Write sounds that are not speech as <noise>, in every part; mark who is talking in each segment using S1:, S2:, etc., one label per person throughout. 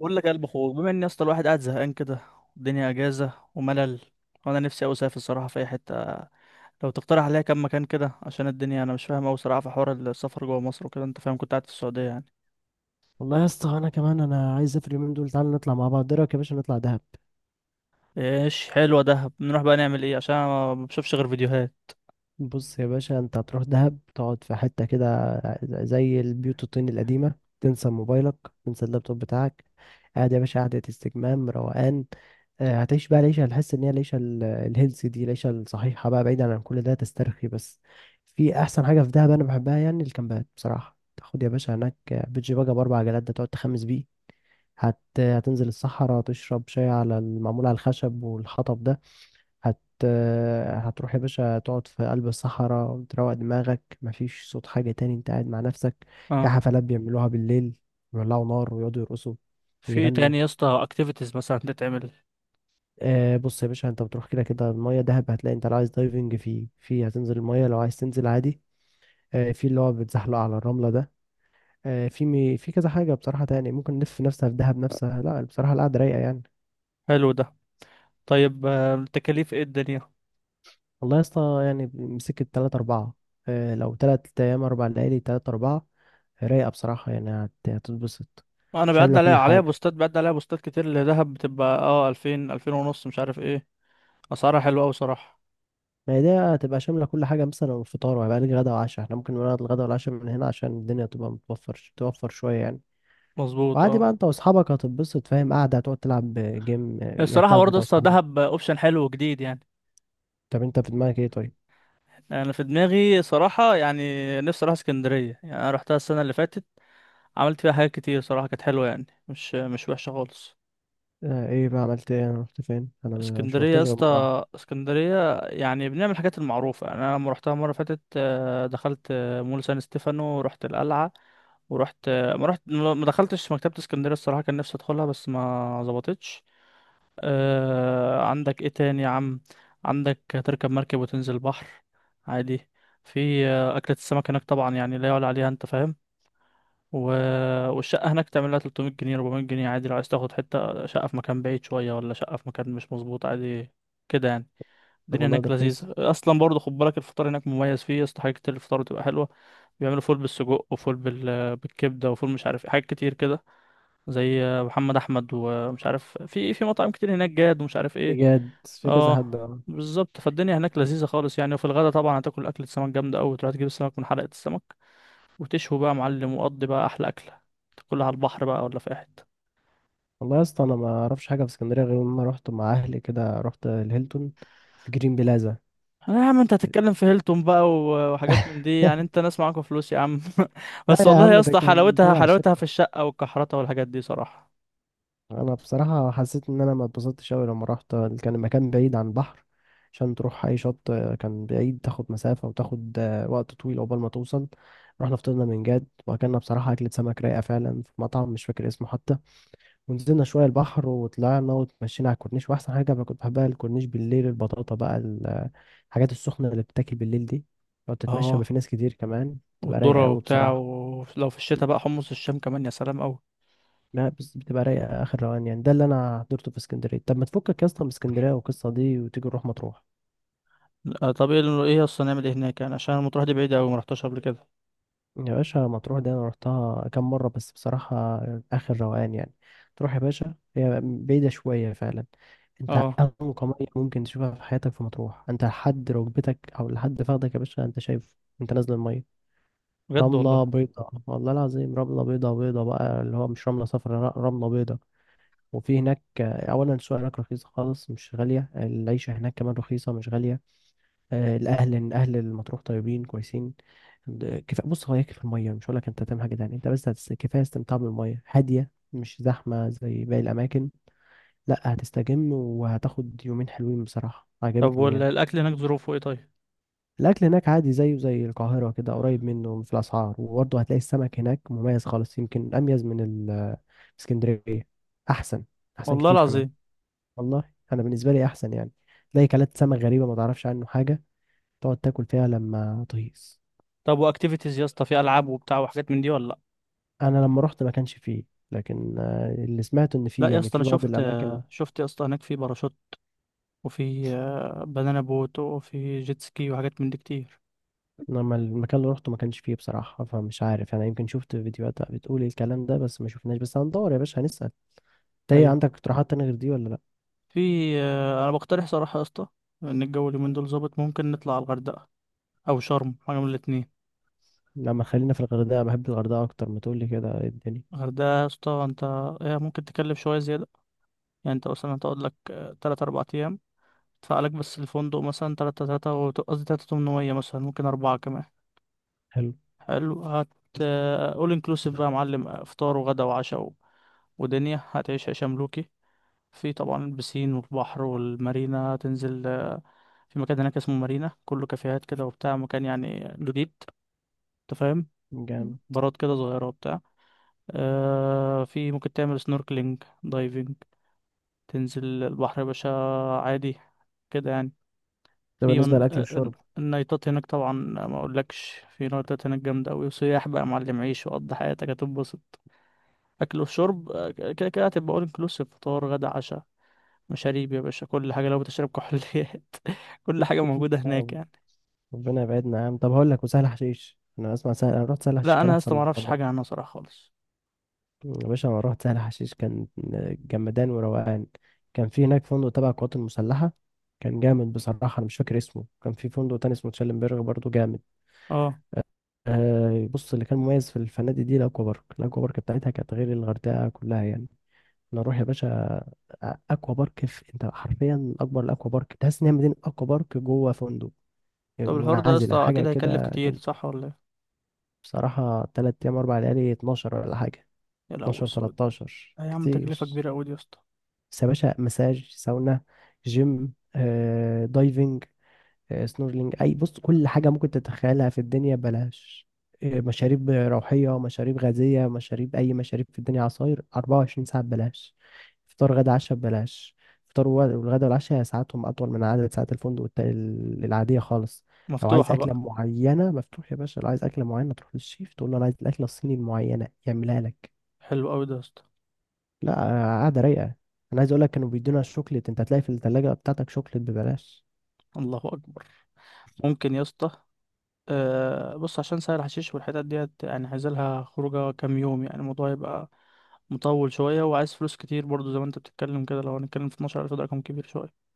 S1: بقول لك يا قلب اخوك، بما ان يا اسطى الواحد قاعد زهقان كده، والدنيا اجازه وملل، وانا نفسي اوي اسافر الصراحه في اي حته. لو تقترح عليا كام مكان كده عشان الدنيا، انا مش فاهم اوي صراحه في حوار السفر جوه مصر وكده. انت فاهم كنت قاعد في السعوديه يعني.
S2: والله يا اسطى، انا كمان انا عايز اسافر اليومين دول. تعالى نطلع مع بعض، ايه رايك يا باشا نطلع دهب؟
S1: ايش، حلوه دهب. نروح بقى نعمل ايه عشان أنا ما بشوفش غير فيديوهات.
S2: بص يا باشا، انت هتروح دهب تقعد في حته كده زي البيوت الطين القديمه. تنسى موبايلك، تنسى اللابتوب بتاعك. قاعد يا باشا قعده استجمام روقان. هتعيش بقى العيشه. هتحس ان هي العيشه الهيلثي دي، العيشه الصحيحه بقى، بعيدا عن كل ده. تسترخي بس. في احسن حاجه في دهب انا بحبها يعني الكامبات بصراحه، تاخد يا باشا هناك بيتش باجا باربع عجلات ده، تقعد تخمس بيه. هتنزل الصحراء، تشرب شاي على المعمول على الخشب والحطب ده. هت... هتروح يا باشا تقعد في قلب الصحراء، تروق دماغك، مفيش صوت حاجة تاني، انت قاعد مع نفسك. في
S1: اه.
S2: حفلات بيعملوها بالليل، بيولعوا نار ويقعدوا يرقصوا
S1: في إيه
S2: ويغنوا.
S1: تاني يا اسطى اكتيفيتيز مثلا تتعمل؟
S2: آه بص يا باشا، انت بتروح كده كده المية، دهب هتلاقي انت لو عايز دايفنج في هتنزل المية، لو عايز تنزل عادي. آه في اللي هو بتزحلق على الرملة ده. آه في في كذا حاجة بصراحة تاني ممكن نلف نفسها في دهب نفسها، لا بصراحة القعدة رايقة يعني.
S1: حلو ده. طيب، التكاليف ايه الدنيا؟
S2: والله يا اسطى يعني مسكت تلاتة أربعة. لو تلات أيام أربع ليالي تلاتة أربعة، رايقة بصراحة يعني. هتتبسط.
S1: انا
S2: شاملة كل حاجة.
S1: بيعدي عليا بوستات كتير لدهب، بتبقى اه 2000 2000 ونص مش عارف ايه. اسعارها حلوه اوي صراحه.
S2: ما هي دي هتبقى شاملة كل حاجة، مثلا الفطار، وهيبقى لك غدا وعشاء. احنا ممكن نقعد الغدا والعشاء من هنا عشان الدنيا تبقى متوفر، توفر شوية يعني.
S1: مظبوط
S2: وعادي بقى
S1: اه.
S2: انت واصحابك هتتبسط، فاهم؟ قاعدة، هتقعد تلعب جيم، يعني
S1: الصراحة
S2: هتلعب
S1: برضه
S2: انت
S1: يا اسطى،
S2: واصحابك.
S1: دهب اوبشن حلو وجديد يعني.
S2: طب انت في دماغك ايه طيب؟
S1: انا في دماغي صراحة يعني، نفسي اروح اسكندرية يعني. انا رحتها السنة اللي فاتت، عملت فيها حاجات كتير صراحة، كانت حلوة يعني، مش وحشة خالص.
S2: ايه بقى، عملت ايه؟ انا رحت فين؟ انا مش
S1: اسكندرية يا
S2: محتاج غير مرة واحدة.
S1: اسطى، اسكندرية يعني بنعمل الحاجات المعروفة يعني. انا لما رحتها مرة فاتت دخلت مول سان ستيفانو، ورحت القلعة. ورحت، ما رحت، ما دخلتش مكتبة اسكندرية الصراحة، كان نفسي ادخلها بس ما ظبطتش. آه، عندك ايه تاني يا عم؟ عندك تركب مركب وتنزل بحر عادي. في أكلة السمك هناك طبعا يعني لا يعلى عليها، انت فاهم. و... والشقة هناك تعمل لها 300 جنيه 400 جنيه عادي، لو عايز تاخد حتة شقة في مكان بعيد شوية، ولا شقة في مكان مش مظبوط عادي كده يعني.
S2: طب
S1: الدنيا
S2: والله ده
S1: هناك
S2: رخيص.
S1: لذيذة أصلا برضه، خد بالك الفطار هناك مميز، فيه يا اسطى حاجات كتير، الفطار بتبقى حلوة. بيعملوا فول بالسجق وفول بالكبدة وفول مش عارف إيه، حاجات كتير كده، زي محمد احمد ومش عارف، في مطاعم كتير هناك، جاد ومش عارف ايه.
S2: بجد في كذا
S1: اه،
S2: حد، اه.
S1: بالظبط. فالدنيا هناك لذيذه خالص يعني، وفي الغدا طبعا هتاكل اكله سمك جامده قوي، تروح تجيب السمك من حلقه السمك وتشوي بقى يا معلم، وقضي بقى احلى اكله، تاكلها على البحر بقى ولا في اي حته.
S2: والله يا اسطى انا ما اعرفش حاجه في اسكندريه غير لما رحت مع اهلي كده، رحت الهيلتون في جرين بلازا.
S1: آه يا عم، انت هتتكلم في هيلتون بقى وحاجات من
S2: <laughs>
S1: دي يعني، انت ناس معاكوا فلوس يا عم. <laughs>
S2: لا
S1: بس
S2: يا
S1: والله
S2: عم،
S1: يا
S2: ده
S1: اسطى،
S2: كان
S1: حلاوتها
S2: تبع
S1: حلاوتها في
S2: شركه.
S1: الشقه والكحرته والحاجات دي صراحه.
S2: انا بصراحه حسيت ان انا ما اتبسطتش قوي لما رحت. كان المكان بعيد عن البحر، عشان تروح اي شط كان بعيد، تاخد مسافه وتاخد وقت طويل عقبال ما توصل. رحنا فطرنا من جد، واكلنا بصراحه اكله سمك رايقه فعلا في مطعم مش فاكر اسمه حتى. ونزلنا شوية البحر وطلعنا وتمشينا على الكورنيش، وأحسن حاجة بقى كنت بحبها الكورنيش بالليل، البطاطا بقى، الحاجات السخنة اللي بتاكل بالليل دي. لو تتمشى بقى في
S1: اه.
S2: ناس كتير كمان، بتبقى رايقة
S1: والذره
S2: أوي
S1: وبتاع،
S2: بصراحة.
S1: ولو في الشتاء بقى حمص الشام كمان، يا سلام قوي.
S2: لا بس بتبقى رايقة آخر روان يعني، ده اللي أنا حضرته في اسكندرية. طب ما تفكك يا اسطى من اسكندرية والقصة دي وتيجي نروح مطروح.
S1: طب ايه ايه اصلا نعمل ايه هناك يعني؟ عشان المطروح دي بعيدة اوي، ما رحتهاش قبل كده.
S2: يا باشا مطروح دي انا رحتها كام مره، بس بصراحه اخر روقان يعني. تروح يا باشا، هي بعيده شويه فعلا. انت
S1: اه
S2: انقى ميه ممكن تشوفها في حياتك في مطروح، انت لحد ركبتك او لحد فخدك يا باشا انت شايف، انت نازل الميه.
S1: بجد
S2: رمله
S1: والله.
S2: بيضاء، والله العظيم رمله بيضاء، بيضاء بقى اللي هو مش رمله صفراء، لا، رمله بيضاء. وفي هناك اولا السوق هناك رخيص خالص، مش غاليه، العيشه هناك كمان رخيصه، مش غاليه. الاهل، إن اهل المطروح طيبين كويسين. كفايه بص، هو هي في الميه. مش هقول لك انت تعمل حاجه تانية، انت بس كفايه استمتاع بالميه هاديه، مش زحمه زي باقي الاماكن. لا هتستجم وهتاخد يومين حلوين بصراحه،
S1: طب
S2: عجبتني يعني.
S1: والاكل هناك ظروفه ايه طيب؟
S2: الاكل هناك عادي زيه زي القاهره كده، قريب منه في الاسعار، وبرضه هتلاقي السمك هناك مميز خالص، يمكن اميز من اسكندريه. احسن، احسن
S1: والله
S2: كتير كمان.
S1: العظيم.
S2: والله انا بالنسبه لي احسن يعني. تلاقي كلات سمك غريبه ما تعرفش عنه حاجه، تقعد تاكل فيها لما تهيص.
S1: طب واكتيفيتيز يا اسطى، في العاب وبتاع وحاجات من دي ولا لا؟
S2: انا لما رحت ما كانش فيه، لكن اللي سمعت ان
S1: لا
S2: فيه
S1: يا
S2: يعني
S1: اسطى،
S2: في
S1: انا
S2: بعض
S1: شفت،
S2: الاماكن.
S1: يا اسطى هناك في باراشوت، وفي بنانا بوت، وفي جيت سكي وحاجات من دي كتير.
S2: انما المكان اللي رحته ما كانش فيه بصراحه، فمش عارف انا، يمكن شفت فيديوهات بتقول الكلام ده بس ما شفناش. بس هندور يا باشا، هنسال. انت ايه
S1: ايوه.
S2: عندك اقتراحات تانية غير دي ولا لا؟
S1: في انا بقترح صراحه يا اسطى، ان الجو اليومين دول ظابط، ممكن نطلع على الغردقه او شرم، حاجه من الاتنين.
S2: لما خلينا في الغردقه، بحب الغردقه اكتر، ما تقول لي كده إيه الدنيا.
S1: الغردقه يا اسطى، انت إيه ممكن تكلف شويه زياده، يعني انت مثلا تقعد لك 3 4 ايام، ادفع لك بس الفندق مثلا تلاتة تلاتة و- قصدي تلاتة تمنمية مثلا، ممكن أربعة كمان.
S2: حلو.
S1: حلو <laughs> أول انكلوسيف بقى يا معلم، فطار وغدا وعشاء ودنيا، هتعيش عيشة ملوكي. في طبعا البسين والبحر والمارينا، هتنزل في مكان هناك اسمه مارينا، كله كافيهات كده وبتاع، مكان يعني جديد انت فاهم،
S2: جامد.
S1: بارات كده صغيرة وبتاع. في ممكن تعمل سنوركلينج دايفنج، تنزل البحر يا باشا عادي كده يعني.
S2: ده
S1: في
S2: بالنسبه
S1: من...
S2: للاكل
S1: آه، آه،
S2: والشرب.
S1: النايتات هناك طبعا، ما اقولكش في نايتات هناك جامده قوي وسياح بقى يا معلم، عيش وقضي حياتك هتنبسط. اكل وشرب كده كده هتبقى اول انكلوسيف، فطار غدا عشاء، مشاريب يا باشا كل حاجه، لو بتشرب كحوليات <laughs> كل حاجه
S2: لا،
S1: موجوده هناك يعني.
S2: ربنا يبعدنا يا عم. طب هقول لك، وسهل حشيش؟ انا اسمع سهل. انا رحت سهل حشيش
S1: لا،
S2: كان
S1: انا يا
S2: احسن
S1: اسطى ما
S2: من
S1: اعرفش
S2: الغردقه.
S1: حاجه عنها صراحه خالص.
S2: يا باشا أنا رحت سهل حشيش، كان جمدان وروقان. كان في هناك فندق تبع القوات المسلحة، كان جامد بصراحة. أنا مش فاكر اسمه، كان في فندق تاني اسمه تشيلنبرغ برضه جامد.
S1: اه.
S2: آه بص، اللي كان مميز في الفنادق دي الأكوا بارك. الأكوا بارك بتاعتها كانت غير الغردقة كلها يعني. نروح يا باشا. أكوا بارك، في، أنت حرفيا أكبر الأكوا بارك، تحس إن هي مدينة أكوا بارك جوه فندق
S1: طب الحوار ده يا
S2: منعزلة،
S1: اسطى
S2: حاجة
S1: اكيد هيكلف
S2: كده
S1: كتير
S2: جامدة.
S1: صح ولا ايه؟
S2: بصراحة تلات أيام أربع ليالي، اتناشر ولا حاجة.
S1: يا لهوي
S2: اتناشر
S1: السود.
S2: تلاتاشر
S1: آه يا عم، تكلفه
S2: كتير.
S1: كبيره قوي دي يا اسطى.
S2: بس يا باشا، مساج، ساونا، جيم، دايفنج، سنورلينج، اي بص كل حاجة ممكن تتخيلها في الدنيا بلاش. مشاريب روحية، مشاريب غازية، مشاريب أي مشاريب في الدنيا. عصاير 24 ساعة ببلاش. فطار غدا عشاء ببلاش. فطار والغدا والعشاء ساعاتهم أطول من عدد ساعات الفندق العادية خالص. لو عايز
S1: مفتوحه
S2: أكلة
S1: بقى.
S2: معينة مفتوح يا باشا، لو عايز أكلة معينة تروح للشيف تقول له أنا عايز الأكلة الصيني المعينة، يعملها لك.
S1: حلو قوي ده يا اسطى.
S2: لا قاعدة رايقة. انا عايز اقول لك، كانوا بيدونا شوكليت، انت هتلاقي في الثلاجة بتاعتك شوكليت ببلاش.
S1: الله اكبر. ممكن يا اسطى. أه بص، عشان سهل حشيش والحتت ديت يعني، عايز لها خروجه كام يوم يعني، الموضوع يبقى مطول شويه وعايز فلوس كتير برضو، زي ما انت بتتكلم كده، لو هنتكلم في 12,000 ده رقم كبير شويه.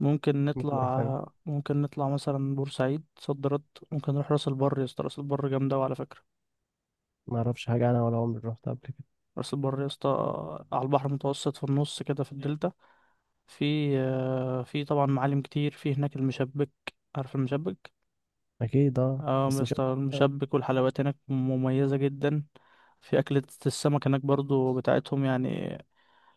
S2: ممكن نروح فين؟
S1: ممكن نطلع مثلا بورسعيد، صد رد. ممكن نروح راس البر يا اسطى، راس البر جامده أوي على فكره.
S2: ما اعرفش حاجة انا، ولا عمري رحت قبل كده.
S1: راس البر يا اسطى، على البحر المتوسط في النص كده في الدلتا. في طبعا معالم كتير في هناك، المشبك، عارف المشبك؟
S2: اكيد اه
S1: اه،
S2: بس مش
S1: مستر
S2: اكتر.
S1: المشبك، والحلويات هناك مميزة جدا. في أكلة السمك هناك برضو بتاعتهم يعني.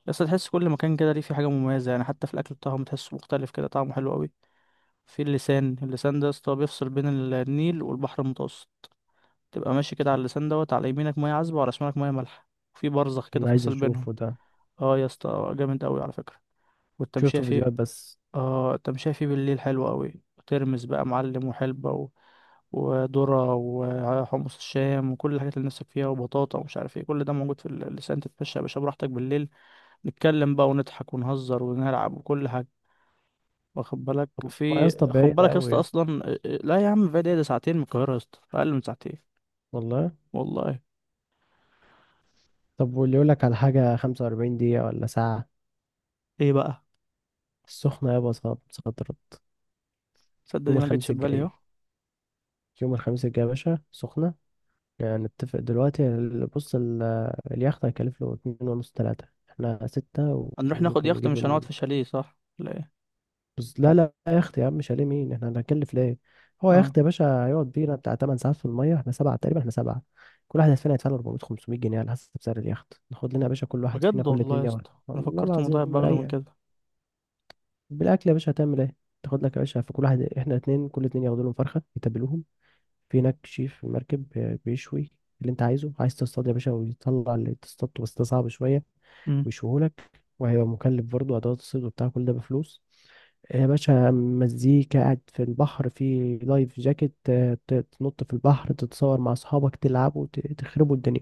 S1: بس تحس كل مكان كده ليه في حاجة مميزة يعني، حتى في الأكل بتاعهم تحسه مختلف كده، طعمه حلو قوي. في اللسان، اللسان ده يا اسطى بيفصل بين النيل والبحر المتوسط. تبقى ماشي كده على اللسان دوت، على يمينك مية عذبة وعلى شمالك مية مالحة، في برزخ كده
S2: انا عايز
S1: فاصل بينهم.
S2: اشوفه ده.
S1: اه يا اسطى جامد قوي على فكرة، والتمشية
S2: شفته
S1: فيه.
S2: فيديوهات بس.
S1: اه، طب شايفي بالليل حلو قوي، ترمس بقى معلم وحلبة وذرة وحمص الشام وكل الحاجات اللي نفسك فيها وبطاطا ومش عارف ايه، كل ده موجود في اللسان. تتمشى يا باشا براحتك بالليل، نتكلم بقى ونضحك ونهزر ونلعب وكل حاجة، واخد بالك.
S2: ما يا
S1: في
S2: اسطى
S1: خد
S2: بعيد
S1: بالك يا
S2: قوي
S1: اسطى
S2: يا اسطى،
S1: اصلا لا يا عم فادي، إيه ده، ساعتين من القاهرة يا اسطى، اقل من ساعتين.
S2: والله.
S1: والله.
S2: طب واللي يقول لك على حاجة 45 دقيقة ولا ساعة،
S1: ايه بقى؟
S2: السخنة؟ يابا صاد صدرت.
S1: تصدق
S2: يوم
S1: دي ما جتش
S2: الخميس
S1: في بالي
S2: الجاي،
S1: اهو.
S2: يوم الخميس الجاي يا باشا سخنة. يعني نتفق دلوقتي، بص، اليخت هيكلف له اتنين ونص تلاتة، احنا ستة
S1: هنروح ناخد
S2: وممكن
S1: يخت
S2: نجيب.
S1: مش هنقعد في شاليه، صح لا ايه؟
S2: بس لا لا، يا اختي يا عم شاليه مين، احنا هنكلف ليه؟ هو يا
S1: اه
S2: اختي يا باشا هيقعد بينا بتاع 8 ساعات في الميه، احنا سبعه تقريبا، احنا سبعه. كل واحد فينا هيدفع له 400 500 جنيه على حسب سعر اليخت. ناخد لنا يا باشا كل واحد فينا
S1: بجد
S2: كل
S1: والله يا
S2: اتنين يوم.
S1: اسطى، انا
S2: والله
S1: فكرت
S2: العظيم
S1: الموضوع يبقى اغلى من
S2: مريح.
S1: كده.
S2: بالاكل يا باشا هتعمل ايه؟ تاخد لك يا باشا، في كل واحد، احنا اتنين كل اتنين ياخدوا لهم فرخه يتبلوهم. في هناك شيف في المركب بيشوي اللي انت عايزه. عايز تصطاد يا باشا ويطلع اللي تصطاده، بس ده صعب شويه.
S1: إمم.
S2: ويشوهولك. وهيبقى مكلف برضه، أدوات الصيد وبتاع كل ده بفلوس. يا باشا، مزيكا، قاعد في البحر في لايف جاكيت، تنط في البحر، تتصور مع أصحابك، تلعبوا، تخربوا الدنيا.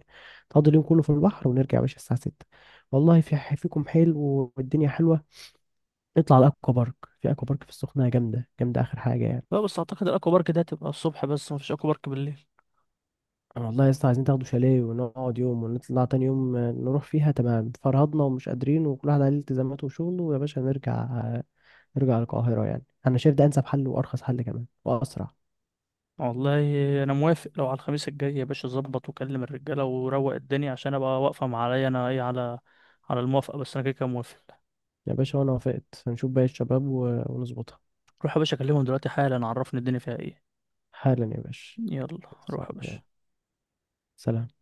S2: تقضي اليوم كله في البحر، ونرجع يا باشا الساعة ستة. والله في فيكم حلو، والدنيا حلوة. نطلع على الأكوا بارك. في أكوا بارك في السخنة جامدة جامدة، آخر حاجة يعني.
S1: لا بس اعتقد الاكوا بارك ده هتبقى الصبح بس، مفيش اكوا بارك بالليل.
S2: والله يا اسطى عايزين تاخدوا شاليه ونقعد يوم، ونطلع تاني يوم نروح فيها. تمام، فرهضنا ومش قادرين، وكل واحد عليه التزاماته وشغله، ويا باشا نرجع، يرجع القاهرة يعني. أنا شايف ده أنسب حل وأرخص حل كمان وأسرع.
S1: والله، انا موافق. لو على الخميس الجاي يا باشا، ظبط وكلم الرجاله وروق الدنيا عشان ابقى واقفه مع، عليا انا ايه، على الموافقه، بس انا كده كده موافق.
S2: يا باشا وأنا وافقت، هنشوف باقي الشباب ونظبطها.
S1: روح يا باشا اكلمهم دلوقتي حالا، عرفني الدنيا فيها ايه.
S2: حالا يا باشا.
S1: يلا. روح
S2: صعب
S1: يا
S2: يلا.
S1: باشا.
S2: سلام.